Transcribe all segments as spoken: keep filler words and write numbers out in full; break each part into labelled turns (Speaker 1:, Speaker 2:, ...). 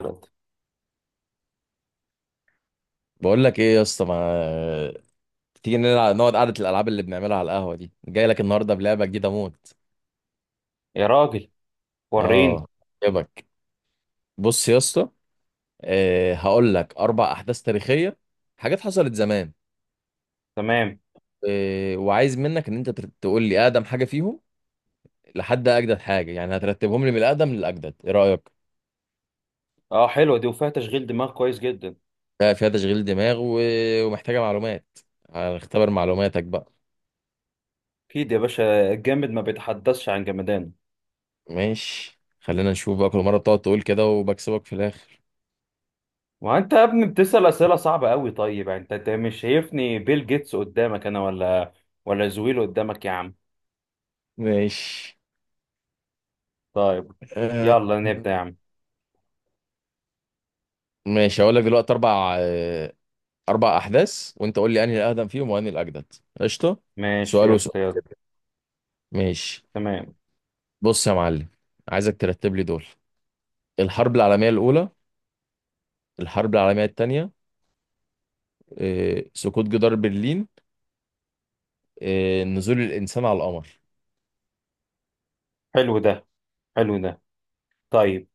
Speaker 1: انت،
Speaker 2: بقول لك ايه يا اسطى؟ ما تيجي نلعب، نقعد قعدة الالعاب اللي بنعملها على القهوة دي، جاي لك النهارده بلعبة جديدة موت.
Speaker 1: يا راجل. وريني.
Speaker 2: اه، يبك، بص يا اسطى، آه، هقول لك اربع احداث تاريخية، حاجات حصلت زمان.
Speaker 1: تمام.
Speaker 2: آه، وعايز منك ان انت تر- تقول لي اقدم حاجة فيهم لحد اجدد حاجة، يعني هترتبهم لي من الاقدم للاجدد، ايه رأيك؟
Speaker 1: اه، حلوه دي وفيها تشغيل دماغ كويس جدا.
Speaker 2: ده فيها تشغيل دماغ و... ومحتاجة معلومات، هنختبر معلوماتك بقى.
Speaker 1: اكيد يا باشا، الجامد ما بيتحدثش عن جمدانه.
Speaker 2: ماشي، خلينا نشوف بقى، كل مرة بتقعد تقول كده وبكسبك في الاخر.
Speaker 1: وانت يا ابني بتسأل اسئله صعبه قوي. طيب يعني انت انت مش شايفني بيل جيتس قدامك انا، ولا ولا زويل قدامك يا عم؟
Speaker 2: ماشي،
Speaker 1: طيب،
Speaker 2: آه،
Speaker 1: يلا نبدا يا عم.
Speaker 2: ماشي هقول لك دلوقتي اربع آه، اربع احداث، وانت قول لي انهي الاقدم فيهم وانهي الاجدد. قشطه،
Speaker 1: ماشي
Speaker 2: سؤال
Speaker 1: يا
Speaker 2: وسؤال،
Speaker 1: شطي، يلا.
Speaker 2: ماشي.
Speaker 1: تمام.
Speaker 2: بص يا معلم، عايزك ترتب لي دول: الحرب العالميه الاولى، الحرب العالميه الثانيه، سقوط جدار برلين، آه، نزول الانسان على القمر.
Speaker 1: حلو ده، حلو ده. طيب،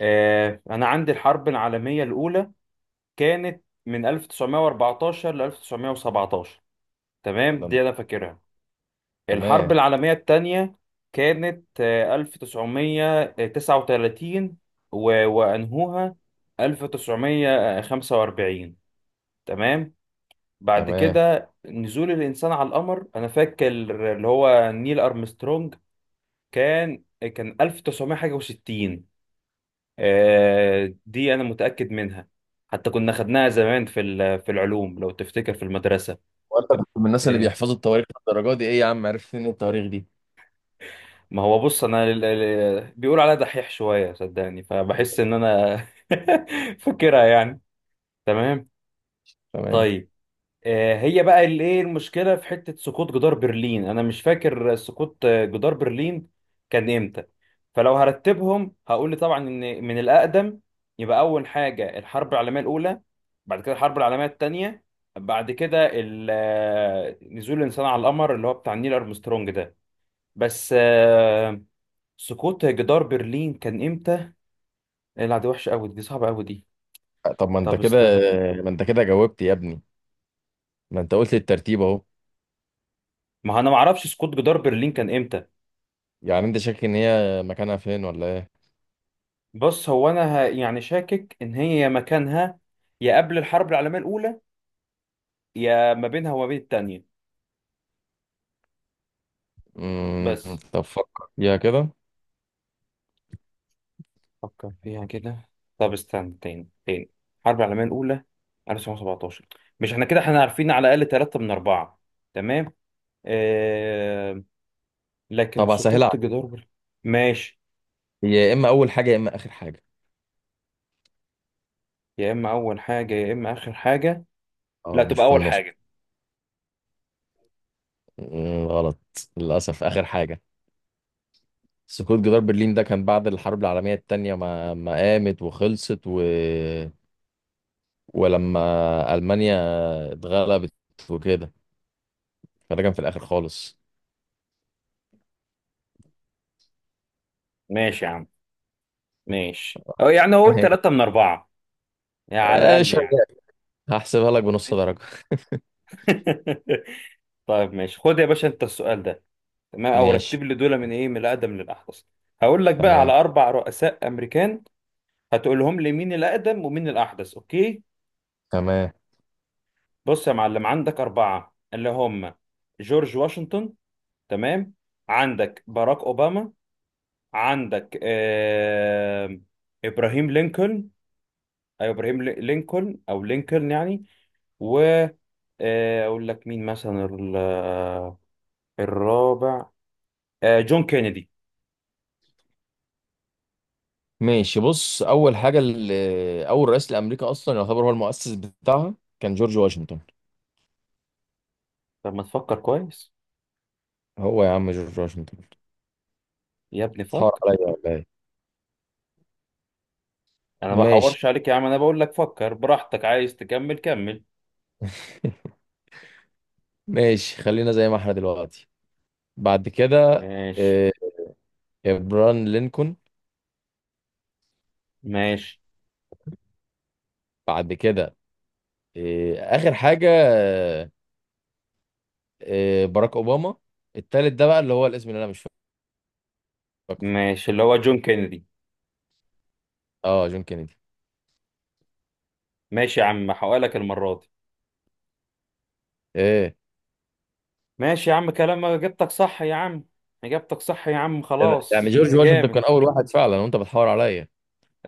Speaker 1: آه انا عندي الحرب العالميه الاولى كانت من ألف وتسعمية واربعتاشر ل ألف وتسعمائة وسبعة عشر،
Speaker 2: ده
Speaker 1: تمام،
Speaker 2: أنت-
Speaker 1: دي انا فاكرها. الحرب
Speaker 2: تمام،
Speaker 1: العالمية التانية كانت آه، ألف وتسعمية وتسعة وتلاتين، و- وأنهوها ألف وتسعمائة وخمسة وأربعين. تمام. بعد
Speaker 2: تمام.
Speaker 1: كده نزول الإنسان على القمر، أنا فاكر اللي هو نيل أرمسترونج، كان كان ألف وتسعمائة حاجة وستين. آه، دي أنا متأكد منها، حتى كنا خدناها زمان في ال- في العلوم لو تفتكر في المدرسة.
Speaker 2: وانت كنت من الناس اللي
Speaker 1: آه،
Speaker 2: بيحفظوا التواريخ للدرجه دي؟ ايه يا عم، عرفت ان التواريخ دي؟
Speaker 1: ما هو بص، انا ال- ال- بيقول عليا دحيح شويه، صدقني، فبحس ان انا فاكرها يعني. تمام.
Speaker 2: تمام.
Speaker 1: طيب، آه، هي بقى اللي ايه المشكله في حته سقوط جدار برلين، انا مش فاكر سقوط آه، جدار برلين كان امتى. فلو هرتبهم هقول طبعا ان من الاقدم يبقى اول حاجه الحرب العالميه الاولى، بعد كده الحرب العالميه الثانيه، بعد كده ال- آه، نزول الانسان على القمر اللي هو بتاع نيل ارمسترونج ده. بس آه، سقوط جدار برلين كان امتى؟ لا دي وحشه قوي، دي صعبه قوي دي.
Speaker 2: طب ما انت
Speaker 1: طب
Speaker 2: كده،
Speaker 1: استنى.
Speaker 2: ما انت كده جاوبت يا ابني، ما انت قلت الترتيب اهو.
Speaker 1: ما انا ما اعرفش سقوط جدار برلين كان امتى.
Speaker 2: يعني انت شاكك ان هي مكانها فين ولا ايه؟
Speaker 1: بص، هو انا ه... يعني شاكك ان هي يا مكانها يا قبل الحرب العالميه الاولى، يا ما بينها وما بين التانية،
Speaker 2: امم،
Speaker 1: بس.
Speaker 2: طب فكر فيها كده.
Speaker 1: فكر فيها كده. طب استنى، تاني تاني. الحرب العالميه الاولى ألف وتسعمائة وسبعة عشر. مش احنا كده احنا عارفين على الاقل ثلاثة من اربعة؟ تمام. آه... لكن
Speaker 2: طب هسهلها
Speaker 1: سقوط
Speaker 2: عليك.
Speaker 1: جدار برلين. ماشي.
Speaker 2: هي يا اما اول حاجه يا اما اخر حاجه.
Speaker 1: يا اما اول حاجه يا اما اخر حاجه. لا،
Speaker 2: اه، مش
Speaker 1: تبقى
Speaker 2: في
Speaker 1: اول
Speaker 2: النص.
Speaker 1: حاجه.
Speaker 2: مم، غلط، للاسف اخر حاجه. سقوط جدار برلين ده كان بعد الحرب العالميه التانية ما ما قامت وخلصت و... ولما المانيا اتغلبت وكده، فده كان في الاخر خالص.
Speaker 1: ماشي يا عم، ماشي. او يعني اقول ثلاثة من أربعة، يعني على
Speaker 2: آه،
Speaker 1: الاقل يعني.
Speaker 2: شغال، هحسبها لك بنص
Speaker 1: ماشي
Speaker 2: درجه.
Speaker 1: طيب ماشي، خد يا باشا انت السؤال ده. تمام. او
Speaker 2: ماشي،
Speaker 1: رتب لي دول من ايه، من الاقدم للاحدث. هقول لك بقى على
Speaker 2: تمام،
Speaker 1: اربع رؤساء امريكان، هتقول لهم لي مين الاقدم ومين الاحدث، اوكي؟
Speaker 2: تمام،
Speaker 1: بص يا معلم، عندك اربعة اللي هم جورج واشنطن، تمام، عندك باراك اوباما، عندك آه... ابراهيم لينكولن، أيوة ابراهيم لينكولن او لينكولن يعني. و آه، اقول لك مين مثلا ال- آه، الرابع، آه، جون كينيدي.
Speaker 2: ماشي. بص، اول حاجه، اللي اول رئيس لامريكا اصلا يعتبر هو المؤسس بتاعها كان جورج واشنطن.
Speaker 1: طب ما تفكر كويس
Speaker 2: هو يا عم جورج واشنطن،
Speaker 1: يا ابني،
Speaker 2: تحور
Speaker 1: فكر.
Speaker 2: عليا ولا ايه؟
Speaker 1: انا ما
Speaker 2: ماشي
Speaker 1: بحورش عليك يا عم، انا بقول لك فكر براحتك، عايز تكمل كمل.
Speaker 2: ماشي، خلينا زي ما احنا دلوقتي، بعد كده
Speaker 1: ماشي،
Speaker 2: آه، ابران لينكولن،
Speaker 1: ماشي.
Speaker 2: بعد كده آه، اخر حاجه آه، آه، باراك اوباما. التالت ده بقى اللي هو الاسم اللي انا مش فاكره.
Speaker 1: ماشي اللي هو جون كينيدي.
Speaker 2: اه، جون كينيدي.
Speaker 1: ماشي يا عم، هحققلك المرة دي.
Speaker 2: ايه؟
Speaker 1: ماشي يا عم، كلام، اجابتك صح يا عم، اجابتك صح يا عم،
Speaker 2: إيه،
Speaker 1: خلاص
Speaker 2: يعني
Speaker 1: انت
Speaker 2: جورج واشنطن
Speaker 1: جامد.
Speaker 2: كان اول واحد فعلا وانت بتحور عليا؟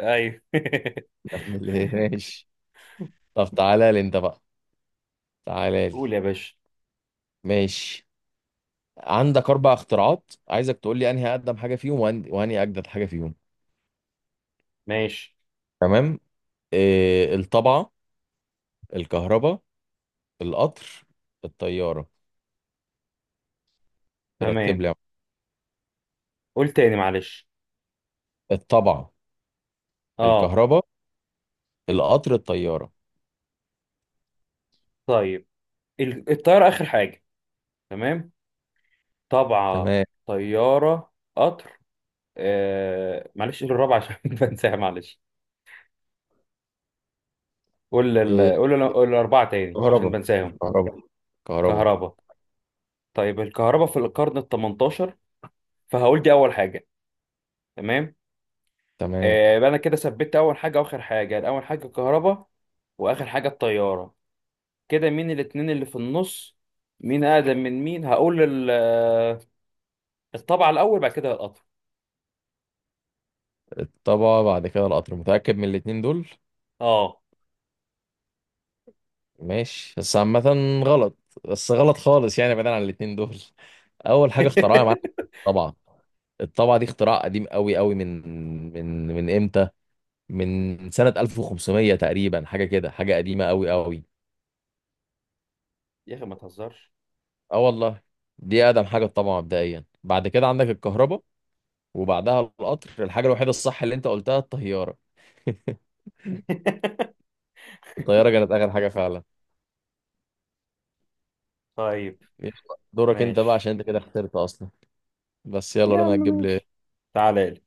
Speaker 1: ايوه
Speaker 2: ماشي. طب تعالى لي انت بقى، تعالى لي.
Speaker 1: قول يا باشا.
Speaker 2: ماشي، عندك اربع اختراعات، عايزك تقول لي انهي اقدم حاجه فيهم وأن- وانهي اجدد حاجه فيهم.
Speaker 1: ماشي.
Speaker 2: تمام، إيه، الطبعه، الكهرباء، القطر، الطياره، رتب
Speaker 1: تمام.
Speaker 2: لي يا عم.
Speaker 1: قول تاني معلش.
Speaker 2: الطبعه،
Speaker 1: اه.
Speaker 2: الكهرباء، القطر، الطياره،
Speaker 1: طيب ال- الطيارة آخر حاجة، تمام. طبعة،
Speaker 2: تمام،
Speaker 1: طيارة، قطر. آه... معلش قول الرابعة عشان بنساها معلش. قول
Speaker 2: إيه،
Speaker 1: ال... قول ال... قول الأربعة تاني عشان
Speaker 2: الكهرباء،
Speaker 1: بنساهم.
Speaker 2: الكهرباء، الكهرباء،
Speaker 1: كهرباء. طيب الكهرباء في القرن ال التمنتاشر، فهقول دي أول حاجة. تمام.
Speaker 2: تمام.
Speaker 1: آه... يبقى أنا كده ثبت أول حاجة وآخر حاجة، أول حاجة الكهرباء وآخر حاجة الطيارة. كده مين الاتنين اللي في النص، مين أقدم من مين؟ هقول ال... آه، الطبعة الأول بعد كده القطر.
Speaker 2: الطبعه بعد كده القطر، متاكد من الاتنين دول؟
Speaker 1: اه.
Speaker 2: ماشي، بس عامه غلط، بس غلط خالص، يعني بعيدا عن الاتنين دول، اول حاجه اخترعها يا معلم الطبعه. الطابعة دي اختراع قديم قوي قوي، من من من امتى؟ من سنة ألف وخمسمية تقريبا، حاجة كده، حاجة قديمة قوي قوي.
Speaker 1: يا أخي ما تهزرش.
Speaker 2: اه والله، دي أقدم حاجة الطابعة مبدئيا، بعد كده عندك الكهرباء، وبعدها القطر، الحاجة الوحيدة الصح اللي انت قلتها الطيارة. الطيارة كانت آخر حاجة فعلا.
Speaker 1: طيب
Speaker 2: يلا، دورك انت بقى
Speaker 1: ماشي
Speaker 2: عشان انت كده خسرت أصلا، بس يلا
Speaker 1: يا عم.
Speaker 2: رنا هتجيب لي.
Speaker 1: ماشي، تعالى لي.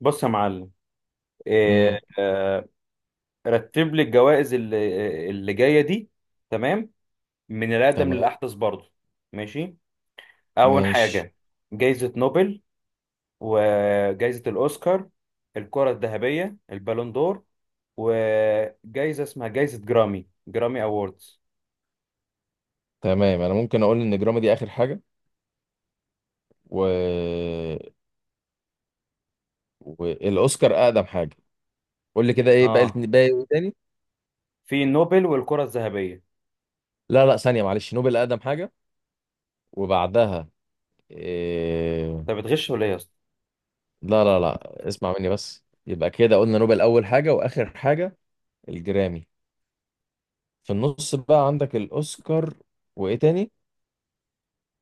Speaker 1: بص يا معلم.
Speaker 2: امم،
Speaker 1: إيه آه. رتب لي الجوائز اللي اللي جايه دي، تمام، من الاقدم
Speaker 2: تمام،
Speaker 1: للاحدث برضه. ماشي. اول
Speaker 2: ماشي.
Speaker 1: حاجه، جائزه نوبل، وجائزه الاوسكار، الكره الذهبيه البالون دور، وجائزه اسمها جائزه جرامي، جرامي اووردز.
Speaker 2: تمام، انا ممكن اقول ان جرامي دي اخر حاجة، و... والاوسكار اقدم حاجة. قول لي كده، ايه باقي
Speaker 1: اه،
Speaker 2: الاتنين- باقي، إيه تاني؟
Speaker 1: في نوبل والكره الذهبيه.
Speaker 2: لا لا، ثانية معلش، نوبل أقدم حاجة، وبعدها إيه...
Speaker 1: طب بتغش ولا ايه يا اسطى؟
Speaker 2: لا لا لا، اسمع مني بس، يبقى كده قلنا نوبل أول حاجة وآخر حاجة الجرامي، في النص بقى عندك الأوسكار وإيه تاني؟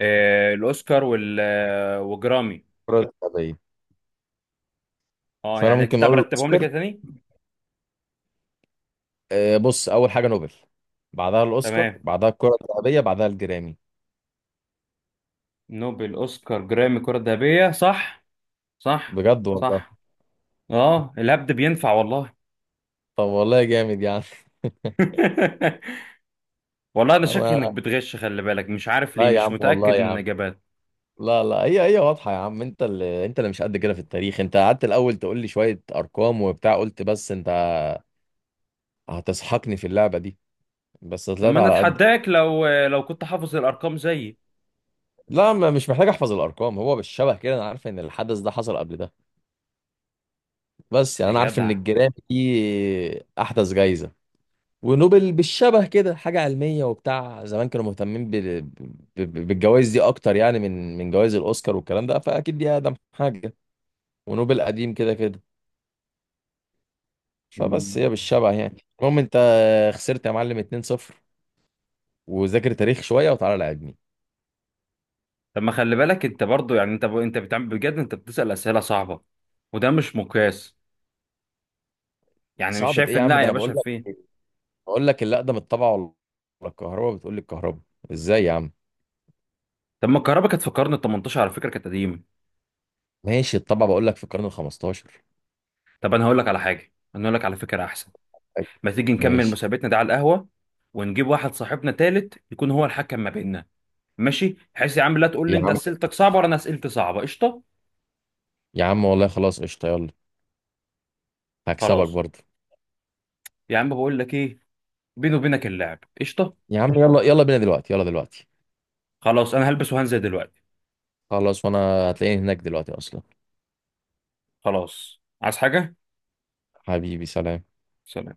Speaker 1: آه، الاوسكار، وال آه، وجرامي.
Speaker 2: الكرة الذهبية.
Speaker 1: اه،
Speaker 2: فأنا
Speaker 1: يعني
Speaker 2: ممكن
Speaker 1: كده
Speaker 2: أقول
Speaker 1: برتبهم لي
Speaker 2: الأوسكار،
Speaker 1: كده تاني.
Speaker 2: إيه، بص، أول حاجة نوبل، بعدها الأوسكار،
Speaker 1: تمام.
Speaker 2: بعدها الكرة الذهبية، بعدها الجرامي.
Speaker 1: نوبل، اوسكار، جرامي، كرة ذهبية، صح؟ صح.
Speaker 2: بجد والله.
Speaker 1: صح. اه، الهبد بينفع والله.
Speaker 2: طب والله جامد يعني
Speaker 1: والله انا شاكك انك
Speaker 2: أنا،
Speaker 1: بتغش، خلي بالك، مش عارف
Speaker 2: لا
Speaker 1: ليه
Speaker 2: يا
Speaker 1: مش
Speaker 2: عم
Speaker 1: متأكد
Speaker 2: والله يا
Speaker 1: من
Speaker 2: عم،
Speaker 1: الاجابات.
Speaker 2: لا لا، هي هي واضحة يا عم، انت اللي انت اللي مش قد كده في التاريخ، انت قعدت الاول تقول لي شوية ارقام وبتاع، قلت بس انت هتسحقني في اللعبة دي، بس
Speaker 1: طب
Speaker 2: طلعت
Speaker 1: ما انا
Speaker 2: على قد.
Speaker 1: اتحداك، لو لو كنت حافظ الارقام زيي.
Speaker 2: لا، ما مش محتاج احفظ الارقام، هو بالشبه كده انا عارف ان الحدث ده حصل قبل ده، بس يعني
Speaker 1: يا
Speaker 2: انا عارف ان
Speaker 1: جدع.
Speaker 2: الجيران دي احدث جايزة. ونوبل بالشبه كده حاجة علمية وبتاع، زمان كانوا مهتمين بال... ب- ب- بالجوائز دي اكتر، يعني من من جوائز الاوسكار والكلام ده، فاكيد دي اقدم حاجة، ونوبل قديم كده كده، فبس
Speaker 1: مم.
Speaker 2: هي بالشبع يعني، المهم انت خسرت يا معلم اتنين صفر، وذاكر تاريخ شويه وتعالى لعبني.
Speaker 1: طب ما خلي بالك انت برضو، يعني انت ب... انت بتعمل بجد، انت بتسأل اسئلة صعبة، وده مش مقياس. يعني مش
Speaker 2: صعبة ايه
Speaker 1: شايف
Speaker 2: يا
Speaker 1: ان،
Speaker 2: عم،
Speaker 1: لا
Speaker 2: ده
Speaker 1: يا
Speaker 2: انا بقول
Speaker 1: باشا
Speaker 2: لك
Speaker 1: فين.
Speaker 2: بقول لك اللي اقدم الطبعه ولا الكهرباء، بتقول لي الكهرباء، ازاي يا عم؟
Speaker 1: طب ما الكهرباء كانت في القرن ال التمنتاشر على فكرة، كانت قديمة.
Speaker 2: ماشي، الطبعه بقول لك في القرن ال خمستاشر.
Speaker 1: طب انا هقول لك على حاجه، انا هقول لك على فكره احسن. ما تيجي نكمل
Speaker 2: ماشي
Speaker 1: مسابقتنا ده على القهوه، ونجيب واحد صاحبنا تالت يكون هو الحكم ما بيننا، ماشي؟ بحيث يا عم لا تقول لي
Speaker 2: يا
Speaker 1: انت
Speaker 2: عم،
Speaker 1: اسئلتك صعبه ولا انا اسئلتي صعبه. قشطه.
Speaker 2: يا عم والله خلاص قشطه، يلا هكسبك
Speaker 1: خلاص.
Speaker 2: برضه.
Speaker 1: يا عم بقول لك ايه، بيني وبينك اللعب قشطه.
Speaker 2: يا عم يلا، يلا بينا دلوقتي، يلا دلوقتي.
Speaker 1: خلاص انا هلبس وهنزل دلوقتي.
Speaker 2: خلاص، وانا هتلاقيني هناك دلوقتي اصلا.
Speaker 1: خلاص، عايز حاجه؟
Speaker 2: حبيبي سلام.
Speaker 1: سلام.